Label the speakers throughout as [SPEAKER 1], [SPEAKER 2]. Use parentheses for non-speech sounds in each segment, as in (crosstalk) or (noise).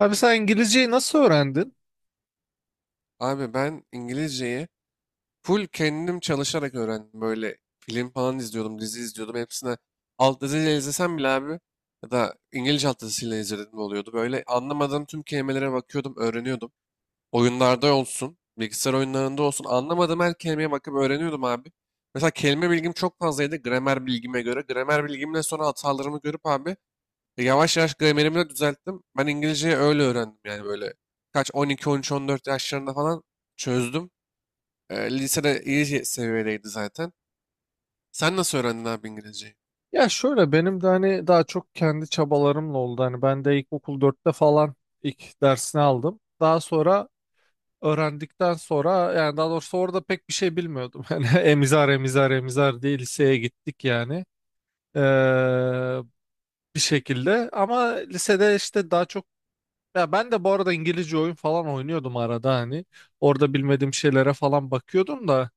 [SPEAKER 1] Abi sen İngilizceyi nasıl öğrendin?
[SPEAKER 2] Abi ben İngilizceyi full kendim çalışarak öğrendim. Böyle film falan izliyordum, dizi izliyordum. Hepsine alt diziyle izlesem bile abi ya da İngilizce alt dizisiyle izledim oluyordu. Böyle anlamadığım tüm kelimelere bakıyordum, öğreniyordum. Oyunlarda olsun, bilgisayar oyunlarında olsun anlamadığım her kelimeye bakıp öğreniyordum abi. Mesela kelime bilgim çok fazlaydı gramer bilgime göre. Gramer bilgimle sonra hatalarımı görüp abi yavaş yavaş gramerimi de düzelttim. Ben İngilizceyi öyle öğrendim yani böyle kaç 12, 13, 14 yaşlarında falan çözdüm. Lisede iyi seviyedeydi zaten. Sen nasıl öğrendin abi İngilizceyi?
[SPEAKER 1] Ya şöyle, benim de hani daha çok kendi çabalarımla oldu. Hani ben de ilkokul dörtte falan ilk dersini aldım. Daha sonra öğrendikten sonra, yani daha doğrusu, orada pek bir şey bilmiyordum. (laughs) Yani emizar emizar emizar diye liseye gittik yani. Ee, bir şekilde ama lisede işte daha çok, ya ben de bu arada İngilizce oyun falan oynuyordum arada, hani orada bilmediğim şeylere falan bakıyordum da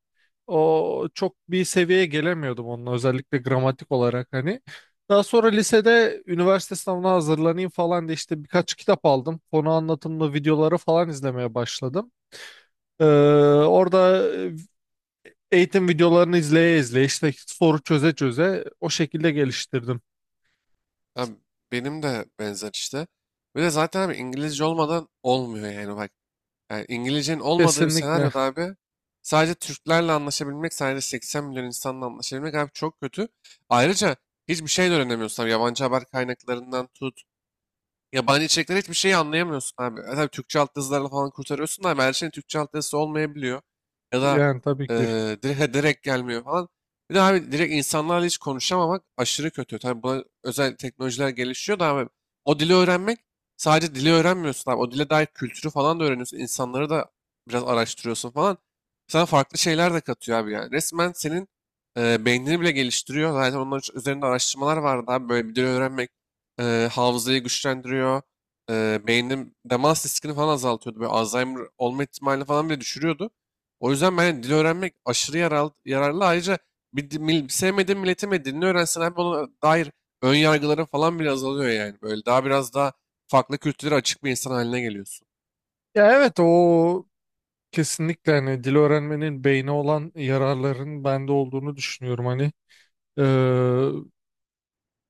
[SPEAKER 1] o çok bir seviyeye gelemiyordum onunla, özellikle gramatik olarak hani. Daha sonra lisede üniversite sınavına hazırlanayım falan diye işte birkaç kitap aldım. Konu anlatımlı videoları falan izlemeye başladım. Ee, orada eğitim videolarını izleye izleye, işte soru çöze çöze, o şekilde geliştirdim.
[SPEAKER 2] Abi benim de benzer işte. Bir de zaten abi İngilizce olmadan olmuyor yani bak. Yani İngilizcenin olmadığı bir
[SPEAKER 1] Kesinlikle,
[SPEAKER 2] senaryoda abi sadece Türklerle anlaşabilmek, sadece 80 milyon insanla anlaşabilmek abi çok kötü. Ayrıca hiçbir şey de öğrenemiyorsun abi. Yabancı haber kaynaklarından tut, yabancı içerikler hiçbir şeyi anlayamıyorsun abi. Tabii Türkçe alt yazılarla falan kurtarıyorsun da abi her şeyin Türkçe alt yazısı olmayabiliyor. Ya da
[SPEAKER 1] yani tabii
[SPEAKER 2] e,
[SPEAKER 1] ki.
[SPEAKER 2] direkt gelmiyor falan. Bir de abi direkt insanlarla hiç konuşamamak aşırı kötü. Tabii buna özel teknolojiler gelişiyor da abi o dili öğrenmek sadece dili öğrenmiyorsun abi. O dile dair kültürü falan da öğreniyorsun. İnsanları da biraz araştırıyorsun falan. Sana farklı şeyler de katıyor abi yani. Resmen senin beynini bile geliştiriyor. Zaten onun üzerinde araştırmalar vardı abi. Böyle bir dil öğrenmek hafızayı güçlendiriyor. Beynin demans riskini falan azaltıyordu. Böyle Alzheimer olma ihtimalini falan bile düşürüyordu. O yüzden ben hani dil öğrenmek aşırı yararlı. Ayrıca bir, sevmediğin milletin ve dilini öğrensen abi ona dair ön yargıların falan bile azalıyor yani. Böyle daha biraz daha farklı kültürlere açık bir insan haline geliyorsun.
[SPEAKER 1] Ya evet, o kesinlikle, hani dil öğrenmenin beyne olan yararların bende olduğunu düşünüyorum hani. Ee,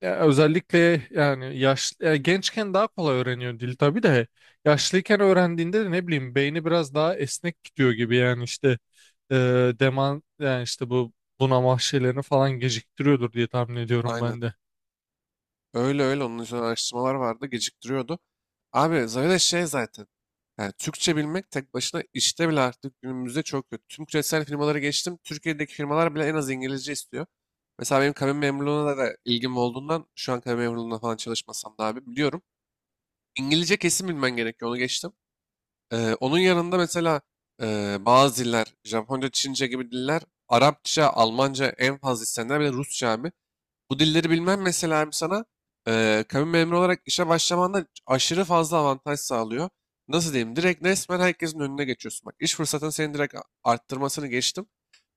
[SPEAKER 1] Ya özellikle yani yaş ya gençken daha kolay öğreniyor dil tabii de, yaşlıyken öğrendiğinde de ne bileyim beyni biraz daha esnek gidiyor gibi yani işte, e, deman yani işte bu bunama şeylerini falan geciktiriyordur diye tahmin ediyorum
[SPEAKER 2] Aynen.
[SPEAKER 1] ben de.
[SPEAKER 2] Öyle öyle onun üzerine araştırmalar vardı geciktiriyordu. Abi zaten şey zaten. Yani Türkçe bilmek tek başına işte bile artık günümüzde çok kötü. Tüm küresel firmaları geçtim. Türkiye'deki firmalar bile en az İngilizce istiyor. Mesela benim kabin memurluğuna da ilgim olduğundan şu an kabin memurluğuna falan çalışmasam da abi biliyorum. İngilizce kesin bilmen gerekiyor onu geçtim. Onun yanında mesela bazı diller Japonca, Çince gibi diller Arapça, Almanca en fazla istenenler bir de Rusça abi. Bu dilleri bilmem mesela hem sana kabin memuru olarak işe başlamanda aşırı fazla avantaj sağlıyor. Nasıl diyeyim? Direkt resmen herkesin önüne geçiyorsun. Bak iş fırsatını senin direkt arttırmasını geçtim.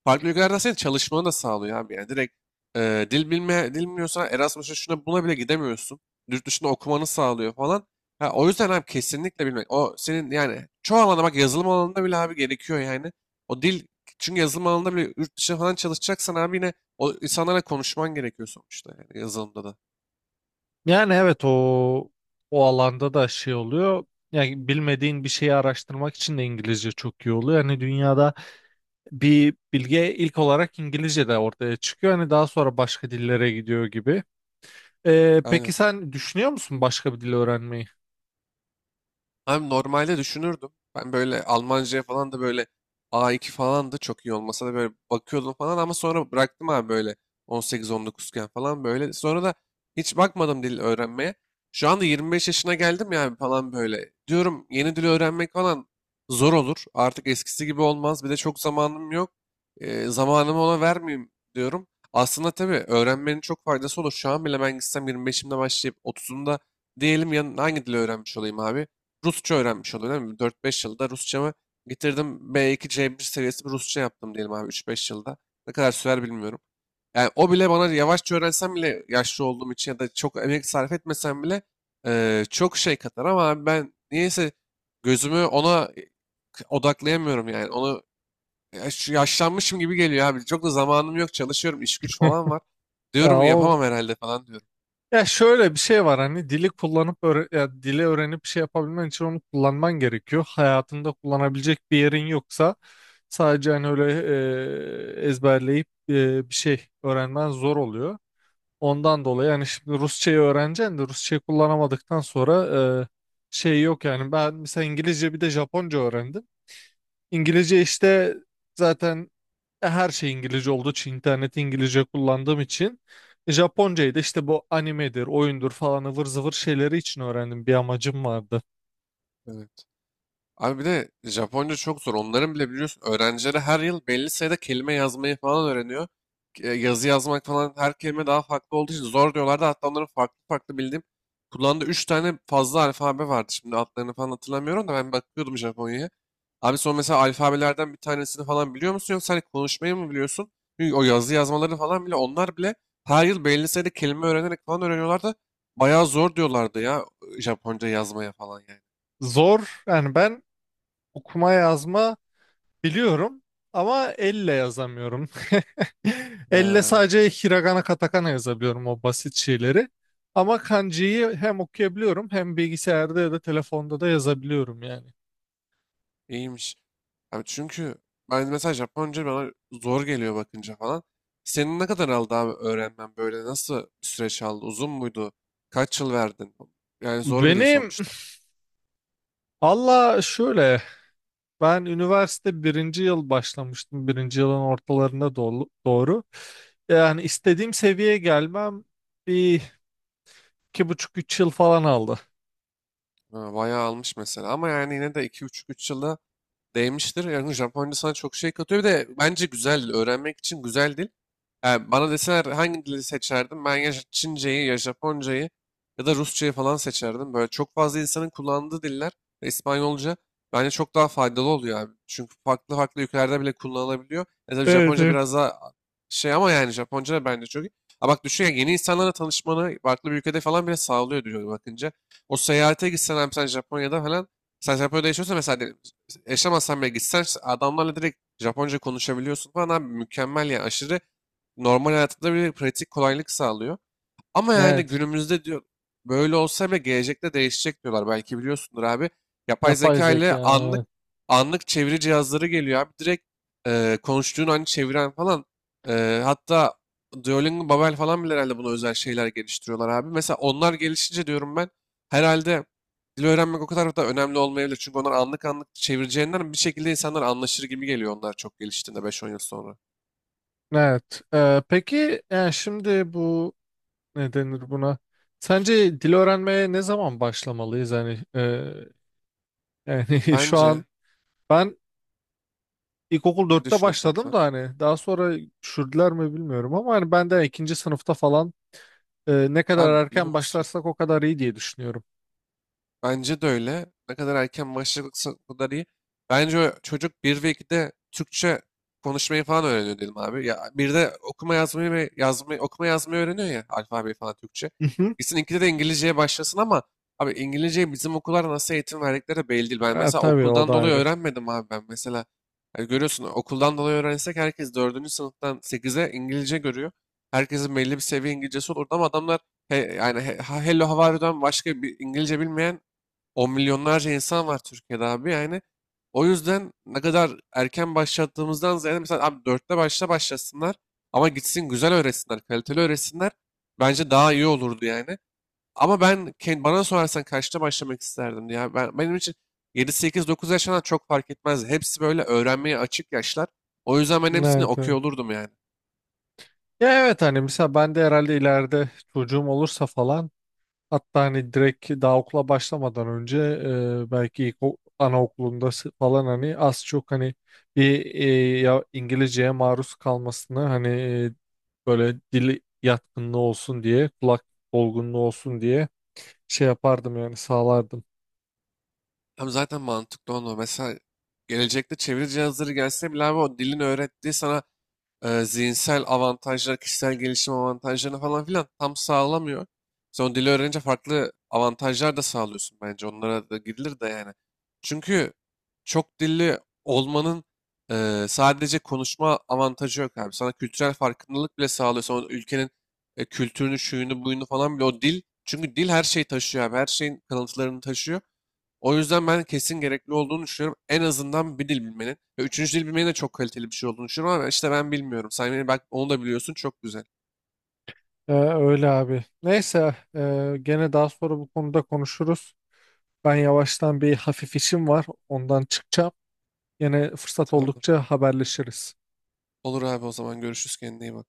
[SPEAKER 2] Farklı ülkelerde senin çalışmanı da sağlıyor abi. Yani direkt dil bilmiyorsan Erasmus'a şuna buna bile gidemiyorsun. Yurt dışında okumanı sağlıyor falan. Ha, o yüzden abi kesinlikle bilmek. O senin yani çoğu alanda bak yazılım alanında bile abi gerekiyor yani. O dil çünkü yazılım alanında bile yurt dışında falan çalışacaksan abi yine o insanlara konuşman gerekiyor sonuçta yani yazılımda da.
[SPEAKER 1] Yani evet, o alanda da şey oluyor. Yani bilmediğin bir şeyi araştırmak için de İngilizce çok iyi oluyor. Yani dünyada bir bilgi ilk olarak İngilizce de ortaya çıkıyor. Hani daha sonra başka dillere gidiyor gibi. Peki
[SPEAKER 2] Aynen.
[SPEAKER 1] sen düşünüyor musun başka bir dil öğrenmeyi?
[SPEAKER 2] Abi normalde düşünürdüm. Ben böyle Almanca'ya falan da böyle A2 falan da çok iyi olmasa da böyle bakıyordum falan ama sonra bıraktım abi böyle 18-19'ken falan böyle. Sonra da hiç bakmadım dil öğrenmeye. Şu anda 25 yaşına geldim yani falan böyle. Diyorum yeni dil öğrenmek falan zor olur. Artık eskisi gibi olmaz. Bir de çok zamanım yok. Zamanımı ona vermeyeyim diyorum. Aslında tabii öğrenmenin çok faydası olur. Şu an bile ben gitsem 25'imde başlayıp 30'umda diyelim yan hangi dili öğrenmiş olayım abi? Rusça öğrenmiş oluyor değil mi? 4-5 yılda Rusçamı bitirdim. B2 C1 seviyesi bir Rusça yaptım diyelim abi üç beş yılda. Ne kadar sürer bilmiyorum. Yani o bile bana yavaşça öğrensem bile yaşlı olduğum için ya da çok emek sarf etmesem bile çok şey katar ama abi ben niyeyse gözümü ona odaklayamıyorum yani. Onu yaşlanmışım gibi geliyor abi. Çok da zamanım yok çalışıyorum iş güç falan
[SPEAKER 1] (laughs)
[SPEAKER 2] var.
[SPEAKER 1] Ya
[SPEAKER 2] Diyorum
[SPEAKER 1] o
[SPEAKER 2] yapamam herhalde falan diyorum.
[SPEAKER 1] Ya şöyle bir şey var, hani dili kullanıp ya dili öğrenip bir şey yapabilmen için onu kullanman gerekiyor. Hayatında kullanabilecek bir yerin yoksa, sadece hani öyle ezberleyip bir şey öğrenmen zor oluyor. Ondan dolayı yani, şimdi Rusçayı öğreneceksin de Rusçayı kullanamadıktan sonra, e, şey yok yani. Ben mesela İngilizce bir de Japonca öğrendim. İngilizce işte zaten, her şey İngilizce olduğu için, interneti İngilizce kullandığım için, Japoncayı da işte bu animedir, oyundur falan ıvır zıvır şeyleri için öğrendim. Bir amacım vardı.
[SPEAKER 2] Evet. Abi bir de Japonca çok zor. Onların bile biliyorsun öğrencileri her yıl belli sayıda kelime yazmayı falan öğreniyor. Yazı yazmak falan her kelime daha farklı olduğu için zor diyorlardı. Hatta onların farklı farklı bildiğim kullandığı 3 tane fazla alfabe vardı. Şimdi adlarını falan hatırlamıyorum da ben bakıyordum Japonya'ya. Abi son mesela alfabelerden bir tanesini falan biliyor musun yoksa hani konuşmayı mı biliyorsun? Çünkü o yazı yazmaları falan bile onlar bile her yıl belli sayıda kelime öğrenerek falan öğreniyorlardı. Bayağı zor diyorlardı ya Japonca yazmaya falan yani.
[SPEAKER 1] Zor yani. Ben okuma yazma biliyorum ama elle yazamıyorum. (laughs) Elle
[SPEAKER 2] He.
[SPEAKER 1] sadece hiragana katakana yazabiliyorum, o basit şeyleri. Ama kanjiyi hem okuyabiliyorum hem bilgisayarda ya da telefonda da yazabiliyorum yani.
[SPEAKER 2] İyiymiş. Abi çünkü ben mesela Japonca bana zor geliyor bakınca falan. Senin ne kadar aldı abi öğrenmen böyle? Nasıl bir süreç aldı? Uzun muydu? Kaç yıl verdin? Yani zor bir dil
[SPEAKER 1] Benim
[SPEAKER 2] sonuçta.
[SPEAKER 1] (sniffs) Allah, şöyle, ben üniversite birinci yıl başlamıştım. Birinci yılın ortalarına doğru. Yani istediğim seviyeye gelmem bir 2,5 3 yıl falan aldı.
[SPEAKER 2] Ha, bayağı almış mesela. Ama yani yine de 25 üç yılda değmiştir. Yani Japonca sana çok şey katıyor. Bir de bence güzel dil. Öğrenmek için güzel dil. Yani bana deseler hangi dili seçerdim? Ben ya Çince'yi ya Japonca'yı ya da Rusça'yı falan seçerdim. Böyle çok fazla insanın kullandığı diller ve İspanyolca bence çok daha faydalı oluyor abi. Çünkü farklı farklı ülkelerde bile kullanılabiliyor. Tabii
[SPEAKER 1] Evet,
[SPEAKER 2] Japonca
[SPEAKER 1] evet.
[SPEAKER 2] biraz daha şey ama yani Japonca da bence çok iyi. Ha bak düşün ya yeni insanlarla tanışmanı farklı bir ülkede falan bile sağlıyor diyor bakınca. O seyahate gitsen abi sen Japonya'da falan sen Japonya'da yaşıyorsan mesela yaşamazsan bile gitsen adamlarla direkt Japonca konuşabiliyorsun falan abi mükemmel yani aşırı normal hayatında bir pratik kolaylık sağlıyor. Ama yani
[SPEAKER 1] Evet.
[SPEAKER 2] günümüzde diyor böyle olsa bile gelecekte değişecek diyorlar. Belki biliyorsundur abi. Yapay
[SPEAKER 1] Yapay
[SPEAKER 2] zeka
[SPEAKER 1] zeka.
[SPEAKER 2] ile anlık
[SPEAKER 1] Evet.
[SPEAKER 2] anlık çeviri cihazları geliyor abi. Direkt konuştuğun an çeviren falan. Hatta Duolingo, Babel falan bile herhalde buna özel şeyler geliştiriyorlar abi. Mesela onlar gelişince diyorum ben herhalde dil öğrenmek o kadar da önemli olmayabilir. Çünkü onlar anlık anlık çevireceğinden bir şekilde insanlar anlaşır gibi geliyor onlar çok geliştiğinde beş on yıl sonra.
[SPEAKER 1] Evet. Peki yani, şimdi bu ne denir buna? Sence dil öğrenmeye ne zaman başlamalıyız? Yani yani, (laughs) şu an
[SPEAKER 2] Bence.
[SPEAKER 1] ben İlkokul
[SPEAKER 2] Ne
[SPEAKER 1] dörtte
[SPEAKER 2] düşünüyorsun
[SPEAKER 1] başladım
[SPEAKER 2] sen?
[SPEAKER 1] da, hani daha sonra düşürdüler mi bilmiyorum, ama hani ben de ikinci sınıfta falan, ne kadar
[SPEAKER 2] Abi biliyor
[SPEAKER 1] erken
[SPEAKER 2] musun?
[SPEAKER 1] başlarsak o kadar iyi diye düşünüyorum.
[SPEAKER 2] Bence de öyle. Ne kadar erken başlarsa o kadar iyi. Bence o çocuk 1 ve 2'de Türkçe konuşmayı falan öğreniyor dedim abi. Ya bir de okuma yazmayı ve yazmayı okuma yazmayı öğreniyor ya alfabeyi falan Türkçe.
[SPEAKER 1] Hı hı.
[SPEAKER 2] Gitsin 2'de de İngilizceye başlasın ama abi İngilizceyi bizim okullar nasıl eğitim verdikleri belli değil. Ben
[SPEAKER 1] Ha,
[SPEAKER 2] mesela
[SPEAKER 1] tabii, o
[SPEAKER 2] okuldan
[SPEAKER 1] da
[SPEAKER 2] dolayı
[SPEAKER 1] ayrı.
[SPEAKER 2] öğrenmedim abi ben mesela. Yani görüyorsun okuldan dolayı öğrensek herkes dördüncü sınıftan sekize İngilizce görüyor. Herkesin belli bir seviye İngilizcesi olurdu ama adamlar he, yani Hello how are you'dan başka bir İngilizce bilmeyen on milyonlarca insan var Türkiye'de abi yani. O yüzden ne kadar erken başlattığımızdan ziyade mesela abi dörtte başlasınlar ama gitsin güzel öğretsinler, kaliteli öğretsinler. Bence daha iyi olurdu yani. Ama ben bana sorarsan kaçta başlamak isterdim ya. Benim için 7-8-9 yaşından çok fark etmez. Hepsi böyle öğrenmeye açık yaşlar. O yüzden ben hepsini
[SPEAKER 1] Evet,
[SPEAKER 2] okuyor
[SPEAKER 1] evet.
[SPEAKER 2] olurdum yani.
[SPEAKER 1] Ya evet, hani mesela ben de herhalde ileride çocuğum olursa falan, hatta hani direkt daha okula başlamadan önce, belki ilk anaokulunda falan, hani az çok hani bir, ya İngilizceye maruz kalmasını hani, böyle dili yatkınlığı olsun diye, kulak olgunluğu olsun diye, şey yapardım yani, sağlardım.
[SPEAKER 2] Hem zaten mantıklı onu. Mesela gelecekte çeviri cihazları gelse bile abi o dilin öğrettiği sana zihinsel avantajlar, kişisel gelişim avantajlarını falan filan tam sağlamıyor. Sen o dili öğrenince farklı avantajlar da sağlıyorsun bence. Onlara da gidilir de yani. Çünkü çok dilli olmanın sadece konuşma avantajı yok abi. Sana kültürel farkındalık bile sağlıyor. Sonra ülkenin kültürünü, şuyunu, buyunu falan bile o dil. Çünkü dil her şeyi taşıyor abi. Her şeyin kalıntılarını taşıyor. O yüzden ben kesin gerekli olduğunu düşünüyorum. En azından bir dil bilmenin. Ve üçüncü dil bilmenin de çok kaliteli bir şey olduğunu düşünüyorum ama işte ben bilmiyorum. Sen beni bak onu da biliyorsun çok güzel.
[SPEAKER 1] Öyle abi. Neyse, gene daha sonra bu konuda konuşuruz. Ben yavaştan bir hafif işim var, ondan çıkacağım. Yine fırsat
[SPEAKER 2] Tamamdır.
[SPEAKER 1] oldukça haberleşiriz.
[SPEAKER 2] Olur abi o zaman görüşürüz kendine iyi bak.